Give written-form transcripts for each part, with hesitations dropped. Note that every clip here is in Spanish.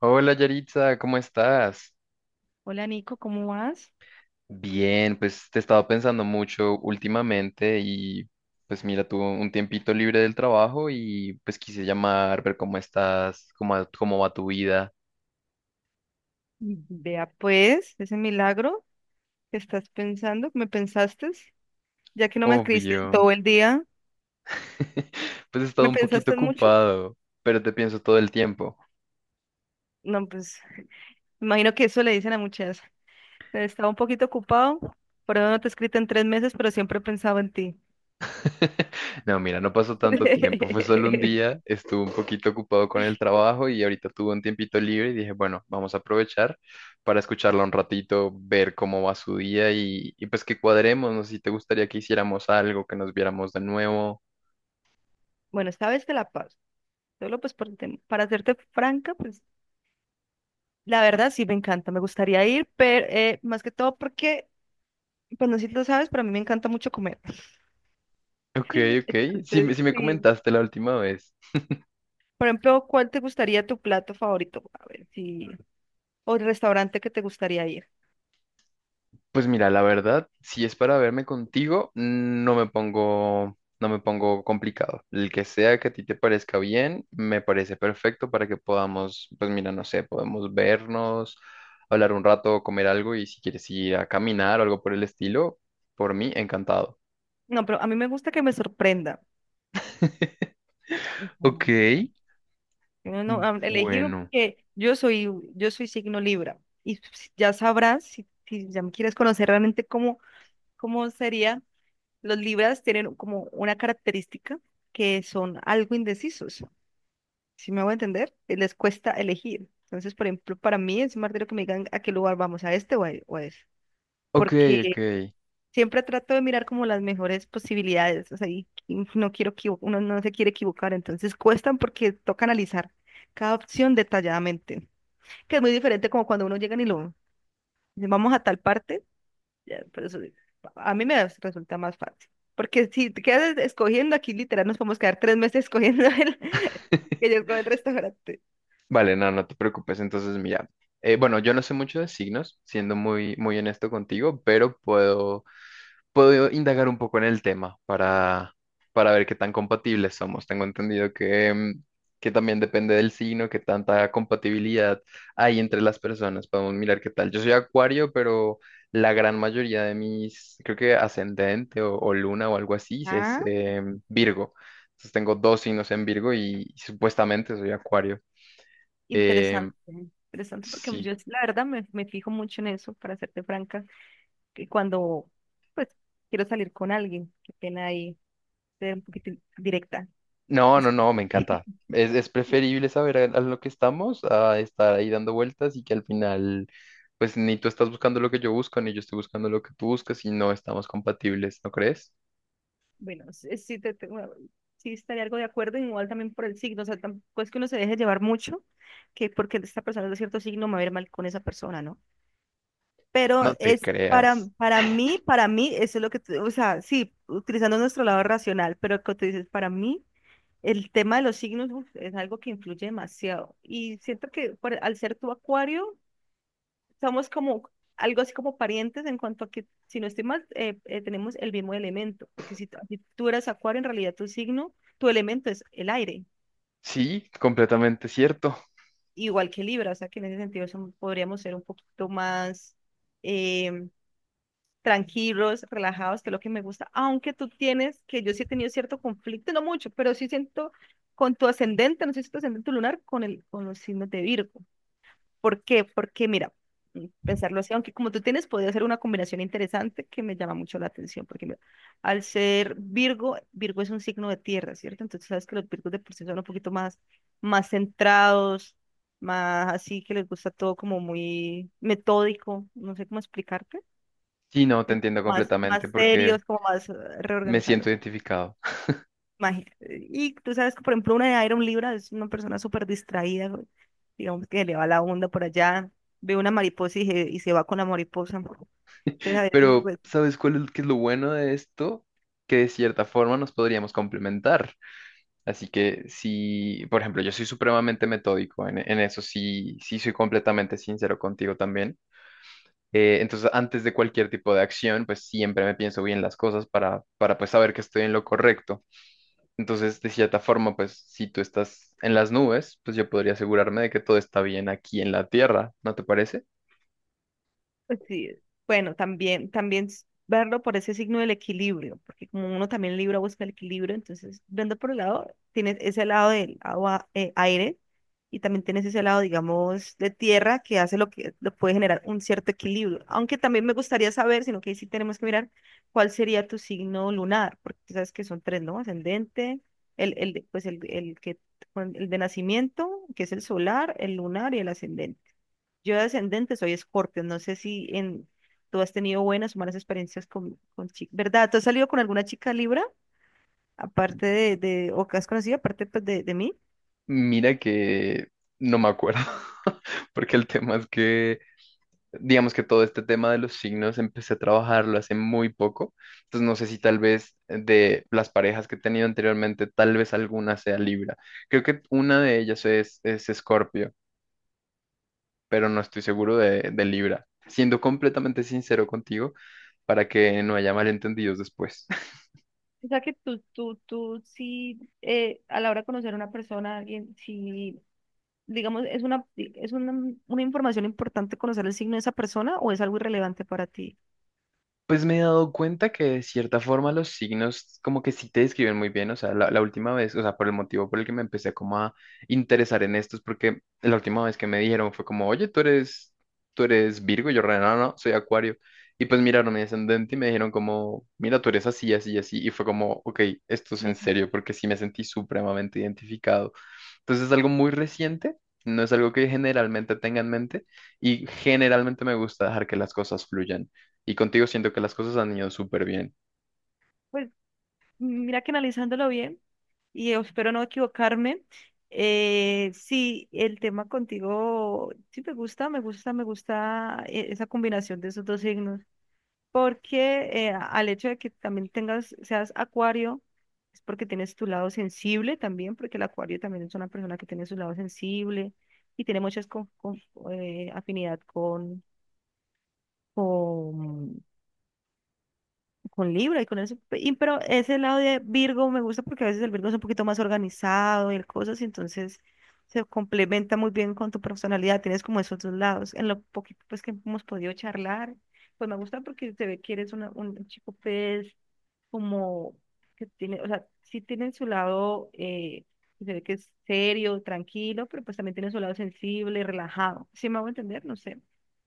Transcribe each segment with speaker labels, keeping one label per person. Speaker 1: Hola Yaritza, ¿cómo estás?
Speaker 2: Hola Nico, ¿cómo vas?
Speaker 1: Bien, pues te he estado pensando mucho últimamente y pues mira, tuve un tiempito libre del trabajo y pues quise llamar, ver cómo estás, cómo, cómo va tu vida.
Speaker 2: Vea pues, ese milagro que estás pensando, ¿me pensaste? Ya que no me escribiste en
Speaker 1: Obvio.
Speaker 2: todo el día,
Speaker 1: Pues he estado
Speaker 2: ¿me
Speaker 1: un poquito
Speaker 2: pensaste mucho?
Speaker 1: ocupado, pero te pienso todo el tiempo.
Speaker 2: No, pues, me imagino que eso le dicen a muchas. Estaba un poquito ocupado, por eso no te he escrito en 3 meses, pero siempre he pensado en ti.
Speaker 1: No, mira, no pasó tanto tiempo, fue solo un día, estuve un poquito ocupado con el trabajo y ahorita tuve un tiempito libre y dije, bueno, vamos a aprovechar para escucharla un ratito, ver cómo va su día y pues que cuadremos, no sé si te gustaría que hiciéramos algo, que nos viéramos de nuevo.
Speaker 2: Bueno, esta vez te la paso. Solo pues por para hacerte franca, pues la verdad sí me encanta, me gustaría ir, pero más que todo porque, pues no sé si lo sabes, pero a mí me encanta mucho comer.
Speaker 1: Ok, ok, sí,
Speaker 2: Entonces,
Speaker 1: sí me
Speaker 2: sí.
Speaker 1: comentaste la última vez.
Speaker 2: Por ejemplo, ¿cuál te gustaría tu plato favorito? A ver, si... o el restaurante que te gustaría ir.
Speaker 1: Pues mira, la verdad, si es para verme contigo, no me pongo complicado. El que sea que a ti te parezca bien, me parece perfecto para que podamos, pues mira, no sé, podemos vernos, hablar un rato, comer algo y si quieres ir a caminar o algo por el estilo, por mí, encantado.
Speaker 2: No, pero a mí me gusta que me sorprenda.
Speaker 1: Ok,
Speaker 2: Ujú. No, no, elegir
Speaker 1: bueno.
Speaker 2: porque yo soy signo Libra y ya sabrás si ya me quieres conocer realmente cómo sería. Los Libras tienen como una característica que son algo indecisos. Si me voy a entender, les cuesta elegir. Entonces, por ejemplo, para mí es un martirio que me digan a qué lugar vamos, a este o a ese.
Speaker 1: Ok,
Speaker 2: Porque
Speaker 1: ok.
Speaker 2: siempre trato de mirar como las mejores posibilidades, o sea, y no quiero uno no se quiere equivocar, entonces cuestan porque toca analizar cada opción detalladamente, que es muy diferente como cuando uno llega y lo dice, vamos a tal parte, ya, pero a mí me resulta más fácil. Porque si te quedas escogiendo aquí, literal, nos podemos quedar 3 meses escogiendo el, que yo escojo el restaurante.
Speaker 1: Vale, no, no te preocupes. Entonces, mira, bueno, yo no sé mucho de signos, siendo muy, muy honesto contigo, pero puedo indagar un poco en el tema para ver qué tan compatibles somos. Tengo entendido que, que también depende del signo, qué tanta compatibilidad hay entre las personas. Podemos mirar qué tal. Yo soy Acuario, pero la gran mayoría de mis, creo que ascendente o luna o algo así, es Virgo. Entonces tengo dos signos en Virgo y supuestamente soy Acuario. Em,
Speaker 2: Interesante, interesante, porque yo
Speaker 1: sí.
Speaker 2: la verdad me fijo mucho en eso, para serte franca, que cuando pues quiero salir con alguien, qué pena ahí ser un poquito directa.
Speaker 1: No, no,
Speaker 2: Disculpe.
Speaker 1: no, me encanta. Es preferible saber a lo que estamos a estar ahí dando vueltas y que al final, pues ni tú estás buscando lo que yo busco, ni yo estoy buscando lo que tú buscas y no estamos compatibles, ¿no crees?
Speaker 2: Bueno, sí, sí, bueno, sí estaría algo de acuerdo, igual también por el signo, o sea, tampoco es que uno se deje llevar mucho, que porque esta persona es de cierto signo me va a ir mal con esa persona, ¿no? Pero
Speaker 1: No te
Speaker 2: es para,
Speaker 1: creas.
Speaker 2: para mí, para mí, eso es lo que, o sea, sí, utilizando nuestro lado racional, pero como tú dices, para mí. El tema de los signos uf, es algo que influye demasiado. Y siento que al ser tu acuario, somos como algo así como parientes en cuanto a que, si no estoy mal, tenemos el mismo elemento. Porque si tú eres acuario, en realidad tu signo, tu elemento es el aire,
Speaker 1: Sí, completamente cierto.
Speaker 2: igual que Libra. O sea que en ese sentido podríamos ser un poquito más em, tranquilos, relajados, que es lo que me gusta. Aunque tú tienes, que yo sí he tenido cierto conflicto, no mucho, pero sí siento con tu ascendente, no sé si tu ascendente lunar, con los signos de Virgo. ¿Por qué? Porque mira, pensarlo así, aunque como tú tienes, podría ser una combinación interesante que me llama mucho la atención, porque mira, al ser Virgo, Virgo es un signo de tierra, ¿cierto? Entonces sabes que los Virgos de por sí son un poquito más centrados, más así que les gusta todo como muy metódico, no sé cómo explicarte
Speaker 1: Sí, no, te
Speaker 2: es
Speaker 1: entiendo
Speaker 2: más,
Speaker 1: completamente
Speaker 2: más
Speaker 1: porque
Speaker 2: serios, como más
Speaker 1: me siento
Speaker 2: reorganizados.
Speaker 1: identificado.
Speaker 2: Y tú sabes que, por ejemplo, una de Iron Libra es una persona súper distraída, güey. Digamos que le va la onda por allá, ve una mariposa y se va con la mariposa. Entonces, a veces,
Speaker 1: Pero,
Speaker 2: pues,
Speaker 1: ¿sabes cuál es, qué es lo bueno de esto? Que de cierta forma nos podríamos complementar. Así que sí, por ejemplo, yo soy supremamente metódico, en eso sí, sí soy completamente sincero contigo también. Entonces, antes de cualquier tipo de acción, pues siempre me pienso bien las cosas para pues saber que estoy en lo correcto. Entonces, de cierta forma, pues si tú estás en las nubes, pues yo podría asegurarme de que todo está bien aquí en la tierra, ¿no te parece?
Speaker 2: Pues sí, bueno, también verlo por ese signo del equilibrio, porque como uno también Libra busca el equilibrio, entonces, viendo por el lado, tienes ese lado del agua, aire, y también tienes ese lado, digamos, de tierra que hace lo que lo puede generar un cierto equilibrio. Aunque también me gustaría saber, sino que ahí sí tenemos que mirar cuál sería tu signo lunar, porque tú sabes que son tres, ¿no? Ascendente, pues el que, el de nacimiento, que es el solar, el lunar y el ascendente. Yo de ascendente soy Escorpio, no sé si tú has tenido buenas o malas experiencias con, chicas, ¿verdad? ¿Tú has salido con alguna chica Libra, aparte de o que has conocido, aparte pues, de mí?
Speaker 1: Mira que no me acuerdo, porque el tema es que... digamos que todo este tema de los signos empecé a trabajarlo hace muy poco, entonces no sé si tal vez de las parejas que he tenido anteriormente, tal vez alguna sea Libra. Creo que una de ellas es Escorpio, pero no estoy seguro de Libra. Siendo completamente sincero contigo, para que no haya malentendidos después.
Speaker 2: O sea que tú sí, a la hora de conocer a una persona, a alguien, si, digamos, una información importante conocer el signo de esa persona o es algo irrelevante para ti.
Speaker 1: Pues me he dado cuenta que de cierta forma los signos como que sí te describen muy bien, o sea, la última vez, o sea, por el motivo por el que me empecé como a interesar en estos, porque la última vez que me dijeron fue como, oye, tú eres Virgo, y yo, re, no, no, soy Acuario, y pues miraron mi ascendente y me dijeron como, mira, tú eres así, así, así, y fue como, ok, esto es en
Speaker 2: Ujú.
Speaker 1: serio, porque sí me sentí supremamente identificado. Entonces es algo muy reciente, no es algo que generalmente tenga en mente y generalmente me gusta dejar que las cosas fluyan. Y contigo siento que las cosas han ido súper bien.
Speaker 2: Pues mira que analizándolo bien. Y yo espero no equivocarme. Sí, el tema contigo, sí me gusta, me gusta, me gusta esa combinación de esos dos signos, porque al hecho de que también seas acuario, es porque tienes tu lado sensible también, porque el acuario también es una persona que tiene su lado sensible y tiene muchas afinidad con con Libra y con ese, pero ese lado de Virgo me gusta porque a veces el Virgo es un poquito más organizado y el cosas, y entonces se complementa muy bien con tu personalidad, tienes como esos dos lados. En lo poquito pues que hemos podido charlar, pues me gusta porque se ve que eres un chico pues como que tiene, o sea, sí tiene su lado, se ve que es serio, tranquilo, pero pues también tiene su lado sensible, relajado. ¿Sí me hago entender? No sé.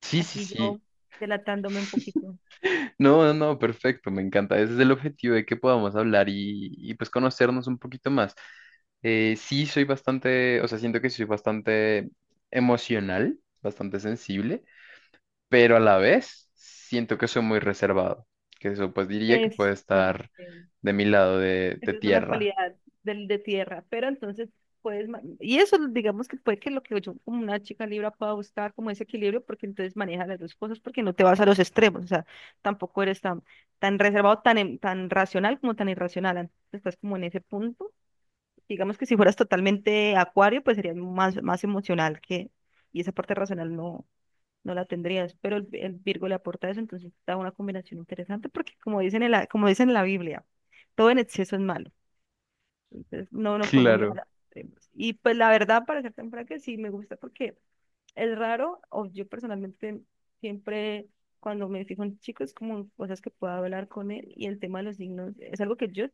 Speaker 1: Sí, sí,
Speaker 2: Aquí
Speaker 1: sí.
Speaker 2: yo delatándome un poquito.
Speaker 1: No, no, no, perfecto, me encanta. Ese es el objetivo de que podamos hablar y pues conocernos un poquito más. Sí, soy bastante, o sea, siento que soy bastante emocional, bastante sensible, pero a la vez siento que soy muy reservado, que eso pues diría que
Speaker 2: Eso.
Speaker 1: puede estar de mi lado de
Speaker 2: Esa es una
Speaker 1: tierra.
Speaker 2: cualidad del de tierra, pero entonces puedes, y eso digamos que puede que lo que yo como una chica libra pueda buscar como ese equilibrio, porque entonces maneja las dos cosas, porque no te vas a los extremos, o sea, tampoco eres tan reservado, tan racional como tan irracional, entonces estás como en ese punto, digamos que si fueras totalmente acuario, pues serías más emocional que, y esa parte racional no, no la tendrías, pero el Virgo le aporta eso, entonces da una combinación interesante, porque como dicen como dicen en la Biblia, todo en exceso es malo. Entonces no nos podemos ir a
Speaker 1: Claro.
Speaker 2: las extremos. Y pues la verdad, para ser tan franca, sí me gusta porque es raro, o yo personalmente siempre cuando me fijo en chicos, como en cosas que pueda hablar con él, y el tema de los signos es algo que yo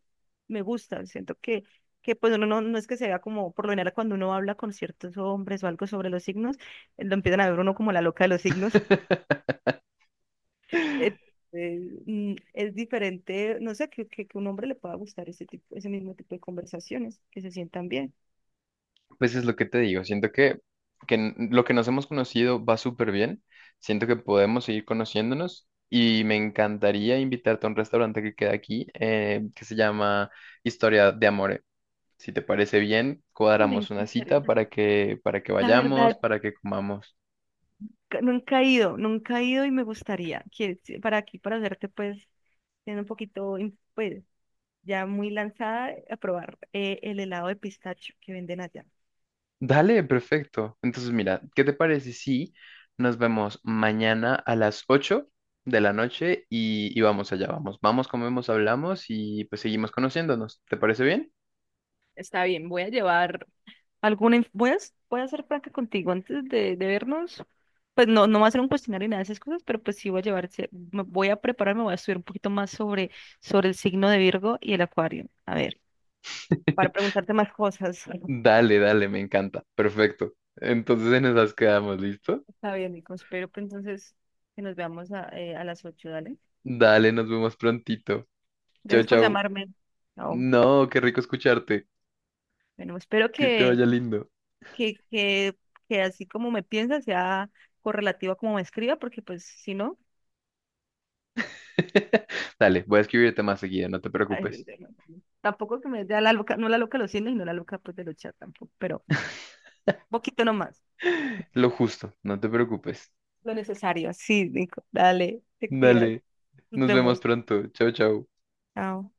Speaker 2: me gusta, siento que, pues uno no es que se vea como, por lo general cuando uno habla con ciertos hombres o algo sobre los signos, lo empiezan a ver uno como la loca de los signos, Eh, eh, es diferente, no sé, que un hombre le pueda gustar ese mismo tipo de conversaciones, que se sientan bien.
Speaker 1: Pues es lo que te digo, siento que, lo que nos hemos conocido va súper bien, siento que podemos seguir conociéndonos y me encantaría invitarte a un restaurante que queda aquí que se llama Historia de Amore. Si te parece bien,
Speaker 2: Me
Speaker 1: cuadramos una
Speaker 2: encantaría.
Speaker 1: cita para que
Speaker 2: La
Speaker 1: vayamos,
Speaker 2: verdad,
Speaker 1: para que comamos.
Speaker 2: nunca he ido, nunca he ido y me gustaría que para aquí, para hacerte pues, siendo un poquito, pues, ya muy lanzada, a probar el helado de pistacho que venden allá.
Speaker 1: Dale, perfecto. Entonces, mira, ¿qué te parece si nos vemos mañana a las 8 de la noche y vamos allá, vamos, comemos, hablamos y pues seguimos conociéndonos? ¿Te parece bien?
Speaker 2: Está bien, voy a llevar, ¿Alguna, inf- voy a, s- voy a ser franca contigo antes de vernos? Pues no, no va a ser un cuestionario ni nada de esas cosas, pero pues sí voy a llevar, me voy a prepararme, voy a estudiar un poquito más sobre, el signo de Virgo y el Acuario. A ver, para preguntarte más cosas.
Speaker 1: Dale, dale, me encanta. Perfecto. Entonces en esas quedamos, ¿listo?
Speaker 2: Está bien, Nico. Espero que entonces que nos veamos a las 8, ¿dale?
Speaker 1: Dale, nos vemos prontito. Chau,
Speaker 2: Gracias por
Speaker 1: chau.
Speaker 2: llamarme. Chao.
Speaker 1: No, qué rico escucharte.
Speaker 2: Bueno, espero
Speaker 1: Que te vaya lindo.
Speaker 2: que, que, que así como me piensa sea correlativo a como me escriba, porque pues si no,
Speaker 1: Dale, voy a escribirte más seguido, no te
Speaker 2: ay,
Speaker 1: preocupes.
Speaker 2: tampoco que me dé a la loca, no la loca de los cines y no la loca pues de los chats tampoco, pero poquito nomás,
Speaker 1: Lo justo, no te preocupes.
Speaker 2: lo necesario. Sí, Nico. Dale, te cuidas.
Speaker 1: Dale,
Speaker 2: Nos
Speaker 1: nos vemos
Speaker 2: vemos.
Speaker 1: pronto. Chau, chau.
Speaker 2: Chao.